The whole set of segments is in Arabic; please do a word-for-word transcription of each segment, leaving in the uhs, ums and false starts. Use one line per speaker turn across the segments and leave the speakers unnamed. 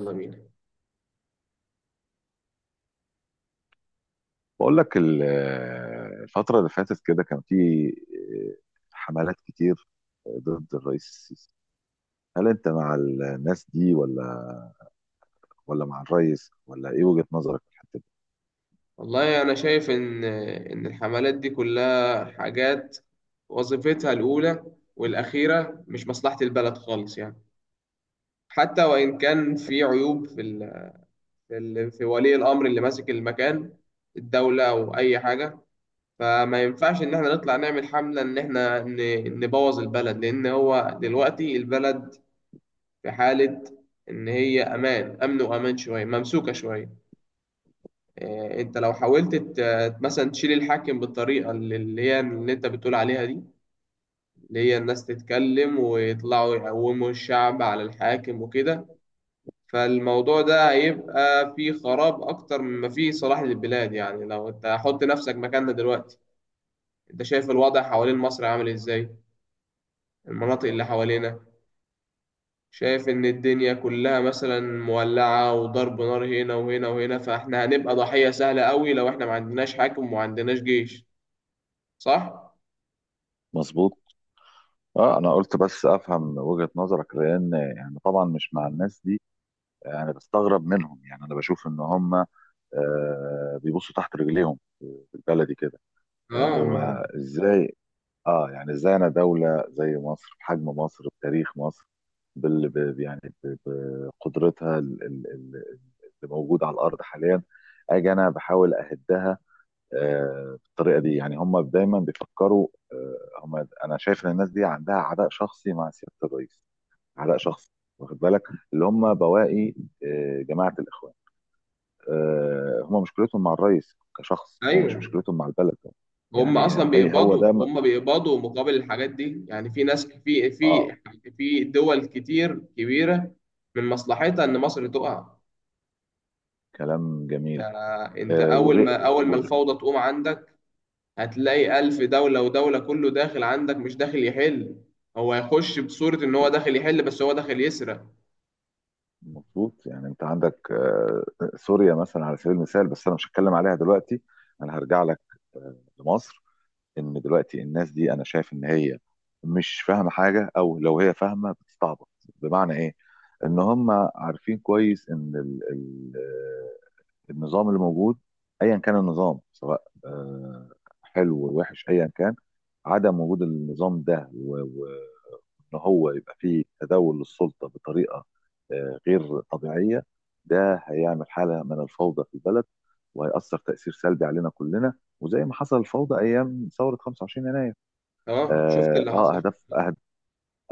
يلا بينا.
بقول لك ال- الفترة اللي فاتت كده كان في آه، حملات كتير آه، ضد الرئيس السيسي. هل انت مع الناس دي ولا ولا مع الرئيس ولا ايه وجهة نظرك في الحتة دي؟
والله أنا شايف إن إن الحملات دي كلها حاجات وظيفتها الأولى والأخيرة مش مصلحة البلد خالص يعني، حتى وإن كان في عيوب في ال... في, ال... في ولي الأمر اللي ماسك المكان، الدولة أو أي حاجة، فما ينفعش إن إحنا نطلع نعمل حملة إن إحنا ن... نبوظ البلد، لأن هو دلوقتي البلد في حالة إن هي أمان أمن وأمان، شوية ممسوكة شوية. آه، انت لو حاولت ت- مثلا تشيل الحاكم بالطريقه اللي اللي هي اللي انت بتقول عليها دي، اللي هي الناس تتكلم ويطلعوا يقوموا الشعب على الحاكم وكده، فالموضوع ده هيبقى فيه خراب اكتر مما فيه صلاح للبلاد. يعني لو انت حط نفسك مكاننا دلوقتي، انت شايف الوضع حوالين مصر عامل ازاي، المناطق اللي حوالينا، شايف ان الدنيا كلها مثلا مولعة وضرب نار هنا وهنا وهنا، فاحنا هنبقى ضحية سهلة قوي لو احنا ما عندناش حاكم وما عندناش جيش. صح.
مظبوط. اه انا قلت بس افهم وجهة نظرك، لان يعني طبعا مش مع الناس دي. انا بستغرب منهم، يعني انا بشوف ان هم آه، بيبصوا تحت رجليهم بالبلدي كده. آه،
اه، ما
هو
هو.
ازاي؟ اه يعني ازاي انا دولة زي مصر، بحجم مصر، بتاريخ مصر، بال ب- يعني ب- بقدرتها ال- ال- ال- اللي موجودة على الأرض حاليا، أجي أنا بحاول أهدها آه، بالطريقة دي؟ يعني هم دايما بيفكروا آه، هم أنا شايف إن الناس دي عندها عداء شخصي مع سيادة الرئيس، عداء شخصي، واخد بالك؟ اللي هم بواقي آه، جماعة الإخوان. آه، هم مشكلتهم مع الرئيس كشخص، هو مش
ايوه.
مشكلتهم مع البلد.
هم
يعني
اصلا
هي هو
بيقبضوا
ده م-
هم بيقبضوا مقابل الحاجات دي، يعني في ناس، في في
اه
في دول كتير كبيره من مصلحتها ان مصر تقع.
كلام جميل.
ده انت
آه،
اول
وغي-
ما اول ما
وغي-
الفوضى تقوم عندك هتلاقي الف دوله ودوله كله داخل عندك، مش داخل يحل، هو هيخش بصوره ان هو داخل يحل بس هو داخل يسرق.
مظبوط. يعني انت عندك آه، سوريا مثلا على سبيل المثال، بس انا مش هتكلم عليها دلوقتي، انا هرجع لك آه، لمصر. ان دلوقتي الناس دي انا شايف ان هي مش فاهمه حاجه، او لو هي فاهمه بتستعبط. بمعنى ايه؟ ان هم عارفين كويس ان ال- ال- آه، النظام اللي موجود، ايا كان النظام، سواء آه، حلو ووحش، ايا كان، عدم وجود النظام ده، ان هو يبقى فيه تداول للسلطه بطريقه آه، غير طبيعيه، ده هيعمل حاله من الفوضى في البلد، وهيأثر تأثير سلبي علينا كلنا. وزي ما حصل الفوضى ايام ثوره خمسة وعشرين يناير.
اه، شفت
اه
اللي
آه،
حصل.
اهداف أهد...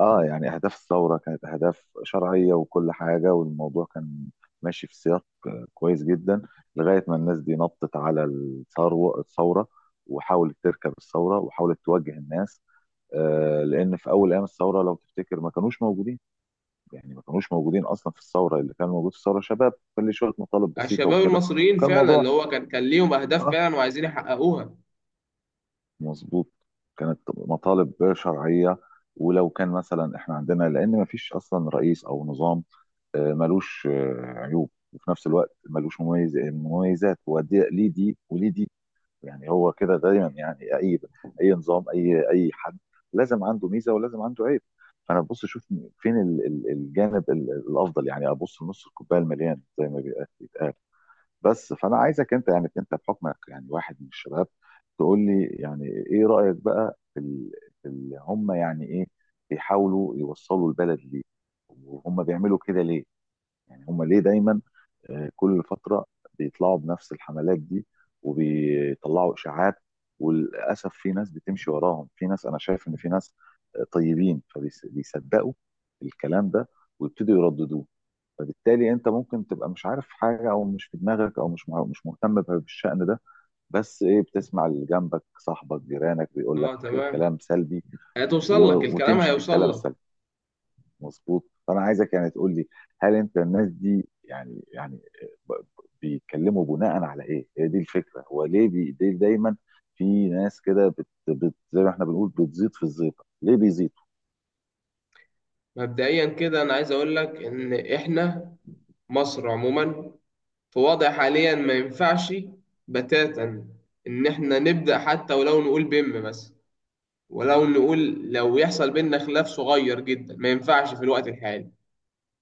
اه يعني اهداف الثوره كانت اهداف شرعيه وكل حاجه، والموضوع كان ماشي في سياق آه، كويس جدا، لغايه ما الناس دي نطت على الثروه الثوره، وحاولت تركب الثوره وحاولت توجه الناس آه، لان في اول ايام الثوره لو تفتكر ما كانوش موجودين. يعني ما كانوش موجودين اصلا في الثوره، اللي كان موجود في الثوره شباب كان ليه شويه مطالب بسيطه
الشباب
وكده.
المصريين
كان
فعلا اللي
الموضوع،
هو كان كان ليهم اهداف
اه،
فعلا وعايزين يحققوها.
مظبوط، كانت مطالب شرعيه. ولو كان مثلا احنا عندنا، لان ما فيش اصلا رئيس او نظام آه، ملوش آه، عيوب، وفي نفس الوقت ملوش مميز مميزات، ودي ليه دي وليه دي. يعني هو كده دايما، يعني اي اي نظام، اي اي حد لازم عنده ميزه ولازم عنده عيب. فانا ببص اشوف فين ال- ال- الجانب ال- الافضل، يعني ابص لنص الكوبايه المليان زي ما بيقال بيتقال. بس فانا عايزك انت، يعني انت بحكمك يعني واحد من الشباب، تقول لي يعني ايه رايك بقى في ال- في ال- هم يعني ايه بيحاولوا يوصلوا البلد ليه، وهم بيعملوا كده ليه؟ يعني هم ليه دايما آه، كل فترة بيطلعوا بنفس الحملات دي، وبيطلعوا إشاعات، وللأسف في ناس بتمشي وراهم. في ناس أنا شايف إن في ناس آه، طيبين، فبيصدقوا الكلام ده ويبتدوا يرددوه. فبالتالي انت ممكن تبقى مش عارف حاجه، او مش في دماغك، او مش مع- مش مهتم بالشأن ده، بس ايه، بتسمع اللي جنبك، صاحبك، جيرانك بيقول لك
اه تمام.
كلام سلبي
هتوصل لك،
و-
الكلام
وتمشي في
هيوصل
الكلام
لك.
السلبي. مظبوط. فانا عايزك يعني تقول لي، هل انت الناس دي يعني يعني ب- ب- بيتكلموا بناء على ايه؟ هي دي الفكره. هو ليه بي ليه دايما في ناس كده بت بت زي ما احنا بنقول بتزيط في الزيطه، ليه بيزيطوا؟
مبدئيا كده انا عايز اقول لك ان احنا مصر عموما في وضع حاليا ما ينفعش بتاتا ان احنا نبدا، حتى ولو نقول بم بس، ولو نقول، لو يحصل بينا خلاف صغير جدا ما ينفعش في الوقت الحالي.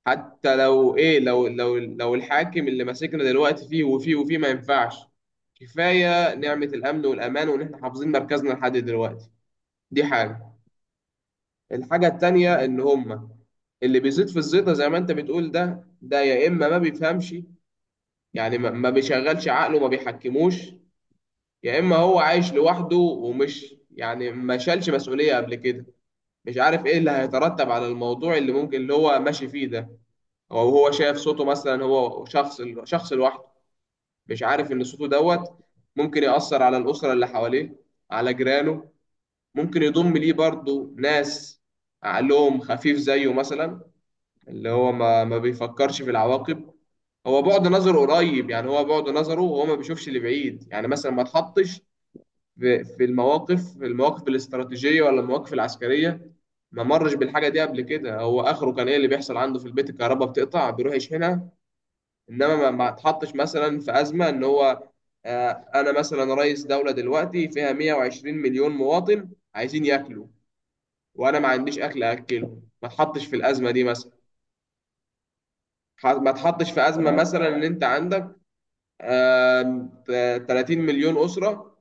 حتى لو ايه، لو لو لو الحاكم اللي ماسكنا دلوقتي فيه وفيه وفيه ما ينفعش. كفايه نعمه الامن والامان وان احنا حافظين مركزنا لحد دلوقتي. دي حاجه. الحاجه التانيه
تمام
ان هم اللي بيزيد في الزيطه زي ما انت بتقول ده ده يا اما ما بيفهمش، يعني ما ما بيشغلش عقله ما بيحكموش، يا اما هو عايش لوحده ومش يعني ما شالش مسؤوليه قبل كده، مش عارف ايه اللي هيترتب على الموضوع اللي ممكن اللي هو ماشي فيه ده، او هو شايف صوته مثلا هو شخص شخص لوحده، مش عارف ان صوته دوت ممكن يأثر على الاسره اللي حواليه، على جيرانه، ممكن يضم ليه برضه ناس عقلهم خفيف زيه مثلا، اللي هو ما ما بيفكرش في العواقب. هو بعد نظره قريب، يعني هو بعد نظره وهو ما بيشوفش اللي بعيد، يعني مثلا ما تحطش في في المواقف في المواقف الاستراتيجية ولا المواقف العسكرية، ما مرش بالحاجة دي قبل كده. هو آخره كان إيه اللي بيحصل عنده في البيت؟ الكهرباء بتقطع بيروح يشحنها. إنما ما ما تحطش مثلا في أزمة إن هو، آه، أنا مثلا رئيس دولة دلوقتي فيها 120 مليون مواطن عايزين ياكلوا وأنا ما عنديش أكل أكلهم، ما تحطش في الأزمة دي مثلا. ح- ما تحطش في أزمة
تمام
مثلا إن أنت عندك آم، ت- 30 مليون أسرة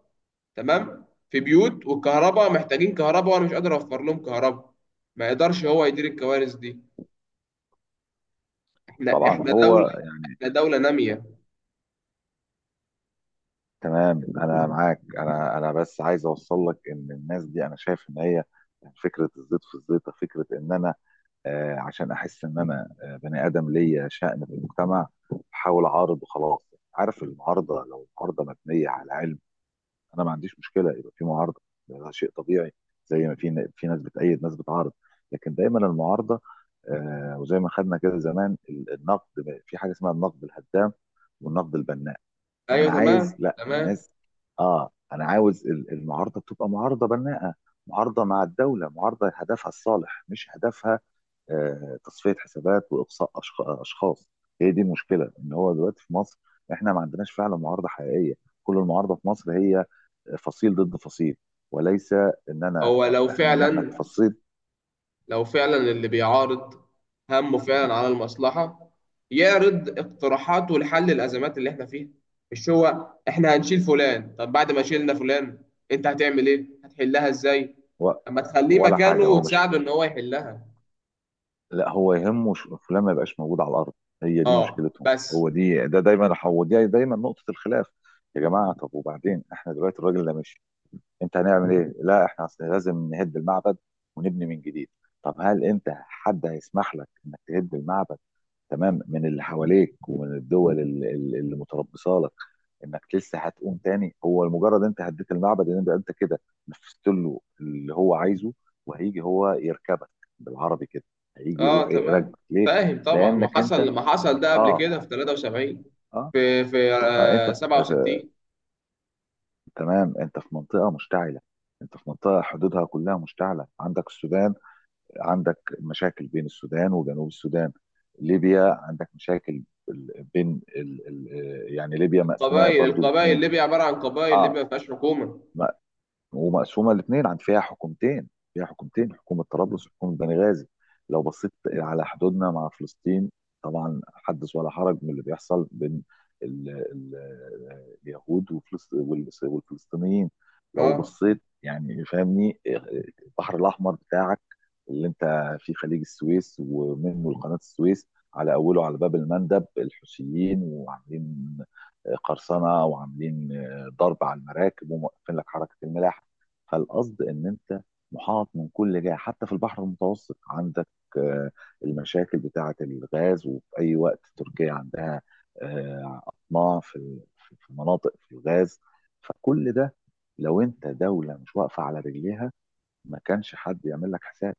تمام، في بيوت والكهرباء، محتاجين كهرباء وأنا مش قادر أوفر لهم كهرباء. ما يقدرش هو يدير الكوارث دي. احنا
طبعا
احنا
هو
دولة احنا دولة نامية.
تمام، انا معاك. انا انا بس عايز اوصل لك ان الناس دي انا شايف ان هي فكره الزيط في الزيطه، فكره ان انا آه، عشان احس ان انا آه، بني ادم ليا شأن في المجتمع، بحاول اعارض وخلاص. عارف، المعارضه، لو المعارضه مبنيه على علم انا ما عنديش مشكله يبقى في معارضه، ده شيء طبيعي. زي ما في في ناس بتأيد، ناس بتعارض. لكن دايما المعارضه آه، وزي ما خدنا كده زمان ال- النقد، في حاجه اسمها النقد الهدام والنقد البناء.
ايوه
انا عايز،
تمام
لا
تمام.
الناس، اه انا عاوز ال- المعارضه تبقى معارضه بناءه، معارضه مع الدوله، معارضه هدفها الصالح، مش هدفها آه، تصفية حسابات وإقصاء أشخ- أشخاص. هي دي المشكلة. إن هو دلوقتي في مصر إحنا ما عندناش فعلا معارضة حقيقية، كل المعارضة في مصر هي فصيل ضد فصيل، وليس إن أنا،
هو لو
إن إحنا
فعلا
كفصيل
لو فعلا اللي بيعارض همه فعلا على المصلحة، يعرض اقتراحاته لحل الأزمات اللي احنا فيها. مش هو احنا هنشيل فلان، طب بعد ما شيلنا فلان انت هتعمل ايه؟ هتحلها ازاي؟
و-
اما تخليه
ولا
مكانه
حاجة هو مش
وتساعده ان هو يحلها.
لا، هو يهمه ش- فلان ما يبقاش موجود على الأرض. هي دي
اه
مشكلتهم،
بس.
هو دي ده دايما هو دي دايما نقطة الخلاف. يا جماعة، طب وبعدين إحنا دلوقتي الراجل ده مشي، انت هنعمل ايه؟ لا احنا اصل لازم نهد المعبد ونبني من جديد. طب هل انت حد هيسمح لك انك تهد المعبد؟ تمام؟ من اللي حواليك ومن الدول ال- ال- اللي متربصه لك، انك لسه هتقوم تاني؟ هو لمجرد انت هديت المعبد ان انت انت كده نفذت له اللي هو عايزه، وهيجي هو يركبك، بالعربي كده. هيجي يروح
اه تمام.
يراكبك ليه؟
فاهم طبعا ما
لانك انت،
حصل ما حصل ده قبل
اه
كده في تلاتة وسبعين،
اه,
في في
آه انت
آه
في في-
سبعة وستين.
تمام، انت في منطقه مشتعله. انت في منطقه حدودها كلها مشتعله. عندك السودان، عندك مشاكل بين السودان وجنوب السودان. ليبيا عندك مشاكل بين ال... ال... يعني ليبيا مقسومه
القبائل
برضو
القبائل
الاثنين.
ليبيا عباره عن قبائل،
اه،
ليبيا ما فيهاش حكومه.
ومقسومه الاثنين، عن فيها حكومتين. فيها حكومتين حكومه طرابلس وحكومه بنغازي. لو بصيت على حدودنا مع فلسطين، طبعا حدث ولا حرج من اللي بيحصل بين ال- ال- اليهود وفلس- والس- والفلسطينيين. لو
اه.
بصيت يعني، فاهمني؟ البحر الاحمر بتاعك، اللي انت في خليج السويس ومنه قناه السويس، على اوله على باب المندب الحوثيين وعاملين قرصنه، وعاملين ضرب على المراكب، وموقفين لك حركه الملاحه. فالقصد ان انت محاط من كل جهه، حتى في البحر المتوسط عندك آه، المشاكل بتاعه الغاز، وفي اي وقت تركيا عندها آه، اطماع في ال- في مناطق في الغاز. فكل ده، لو انت دوله مش واقفه على رجليها، ما كانش حد يعمل لك حساب.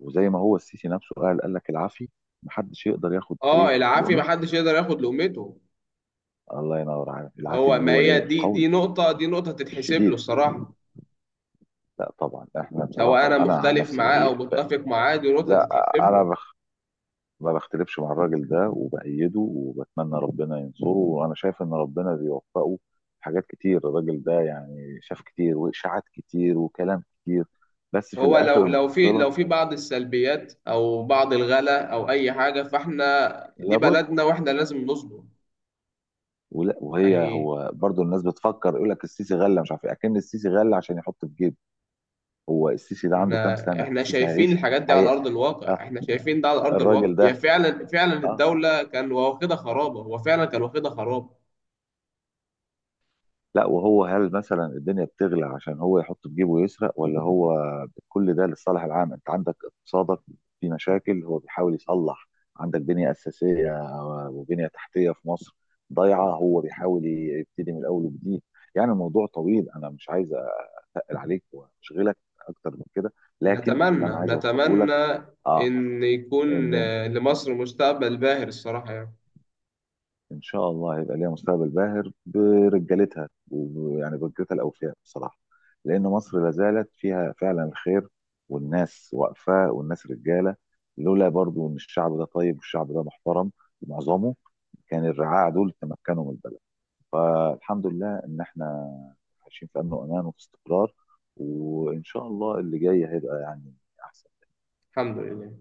وزي ما هو السيسي نفسه قال، قال لك العافي محدش يقدر ياخد ايه
اه، العافي ما
لقمته.
حدش يقدر ياخد لقمته.
الله ينور عليك، العافي
هو
اللي
ما
هو
هي
ايه،
دي
القوي
دي نقطه دي نقطه تتحسب له
الشديد.
الصراحه،
لا طبعا احنا
سواء انا
بصراحه، انا عن
مختلف
نفسي
معاه او
بهيئ ب-
متفق معاه دي نقطه
لا،
تتحسب
انا
له.
ما بختلفش مع الراجل ده، وبأيده وبتمنى ربنا ينصره، وانا شايف ان ربنا بيوفقه في حاجات كتير. الراجل ده يعني شاف كتير، واشاعات كتير، وكلام كتير، بس في
هو
الاخر
لو لو في
المحصلة،
لو في بعض السلبيات او بعض الغلا او اي حاجه فاحنا دي
لابد.
بلدنا واحنا لازم نصبر
ولا وهي
يعني
هو برضو الناس بتفكر يقول لك السيسي غلى، مش عارف ايه، اكن السيسي غلى عشان يحط في جيبه. هو السيسي ده عنده كام
احنا
سنة؟
احنا
السيسي
شايفين
هيعيش؟
الحاجات دي على
هي...
ارض
آه
الواقع، احنا شايفين ده على ارض الواقع،
الراجل
هي
ده،
فعلا فعلا
اه،
الدوله كان واخدها خرابه، هو فعلا كان واخدها خرابه.
لا وهو، هل مثلا الدنيا بتغلى عشان هو يحط في جيبه ويسرق، ولا هو كل ده للصالح العام؟ انت عندك اقتصادك في مشاكل، هو بيحاول يصلح. عندك بنية أساسية وبنية تحتية في مصر ضايعة، هو بيحاول يبتدي من الأول وجديد. يعني الموضوع طويل، أنا مش عايز أقل عليك وأشغلك أكتر من كده، لكن اللي
نتمنى
أنا عايز أوصله لك
نتمنى
آه
ان يكون
إن،
آه، لمصر مستقبل باهر الصراحه يعني.
ان شاء الله هيبقى ليها مستقبل باهر برجالتها، ويعني برجالتها الاوفياء بصراحه، لان مصر لا زالت فيها فعلا الخير، والناس واقفه والناس رجاله. لولا برضو ان الشعب ده طيب والشعب ده محترم معظمه، كان الرعاع دول تمكنوا من البلد. فالحمد لله ان احنا عايشين في امن وامان وفي استقرار، وان شاء الله اللي جاي هيبقى يعني احسن.
الحمد لله.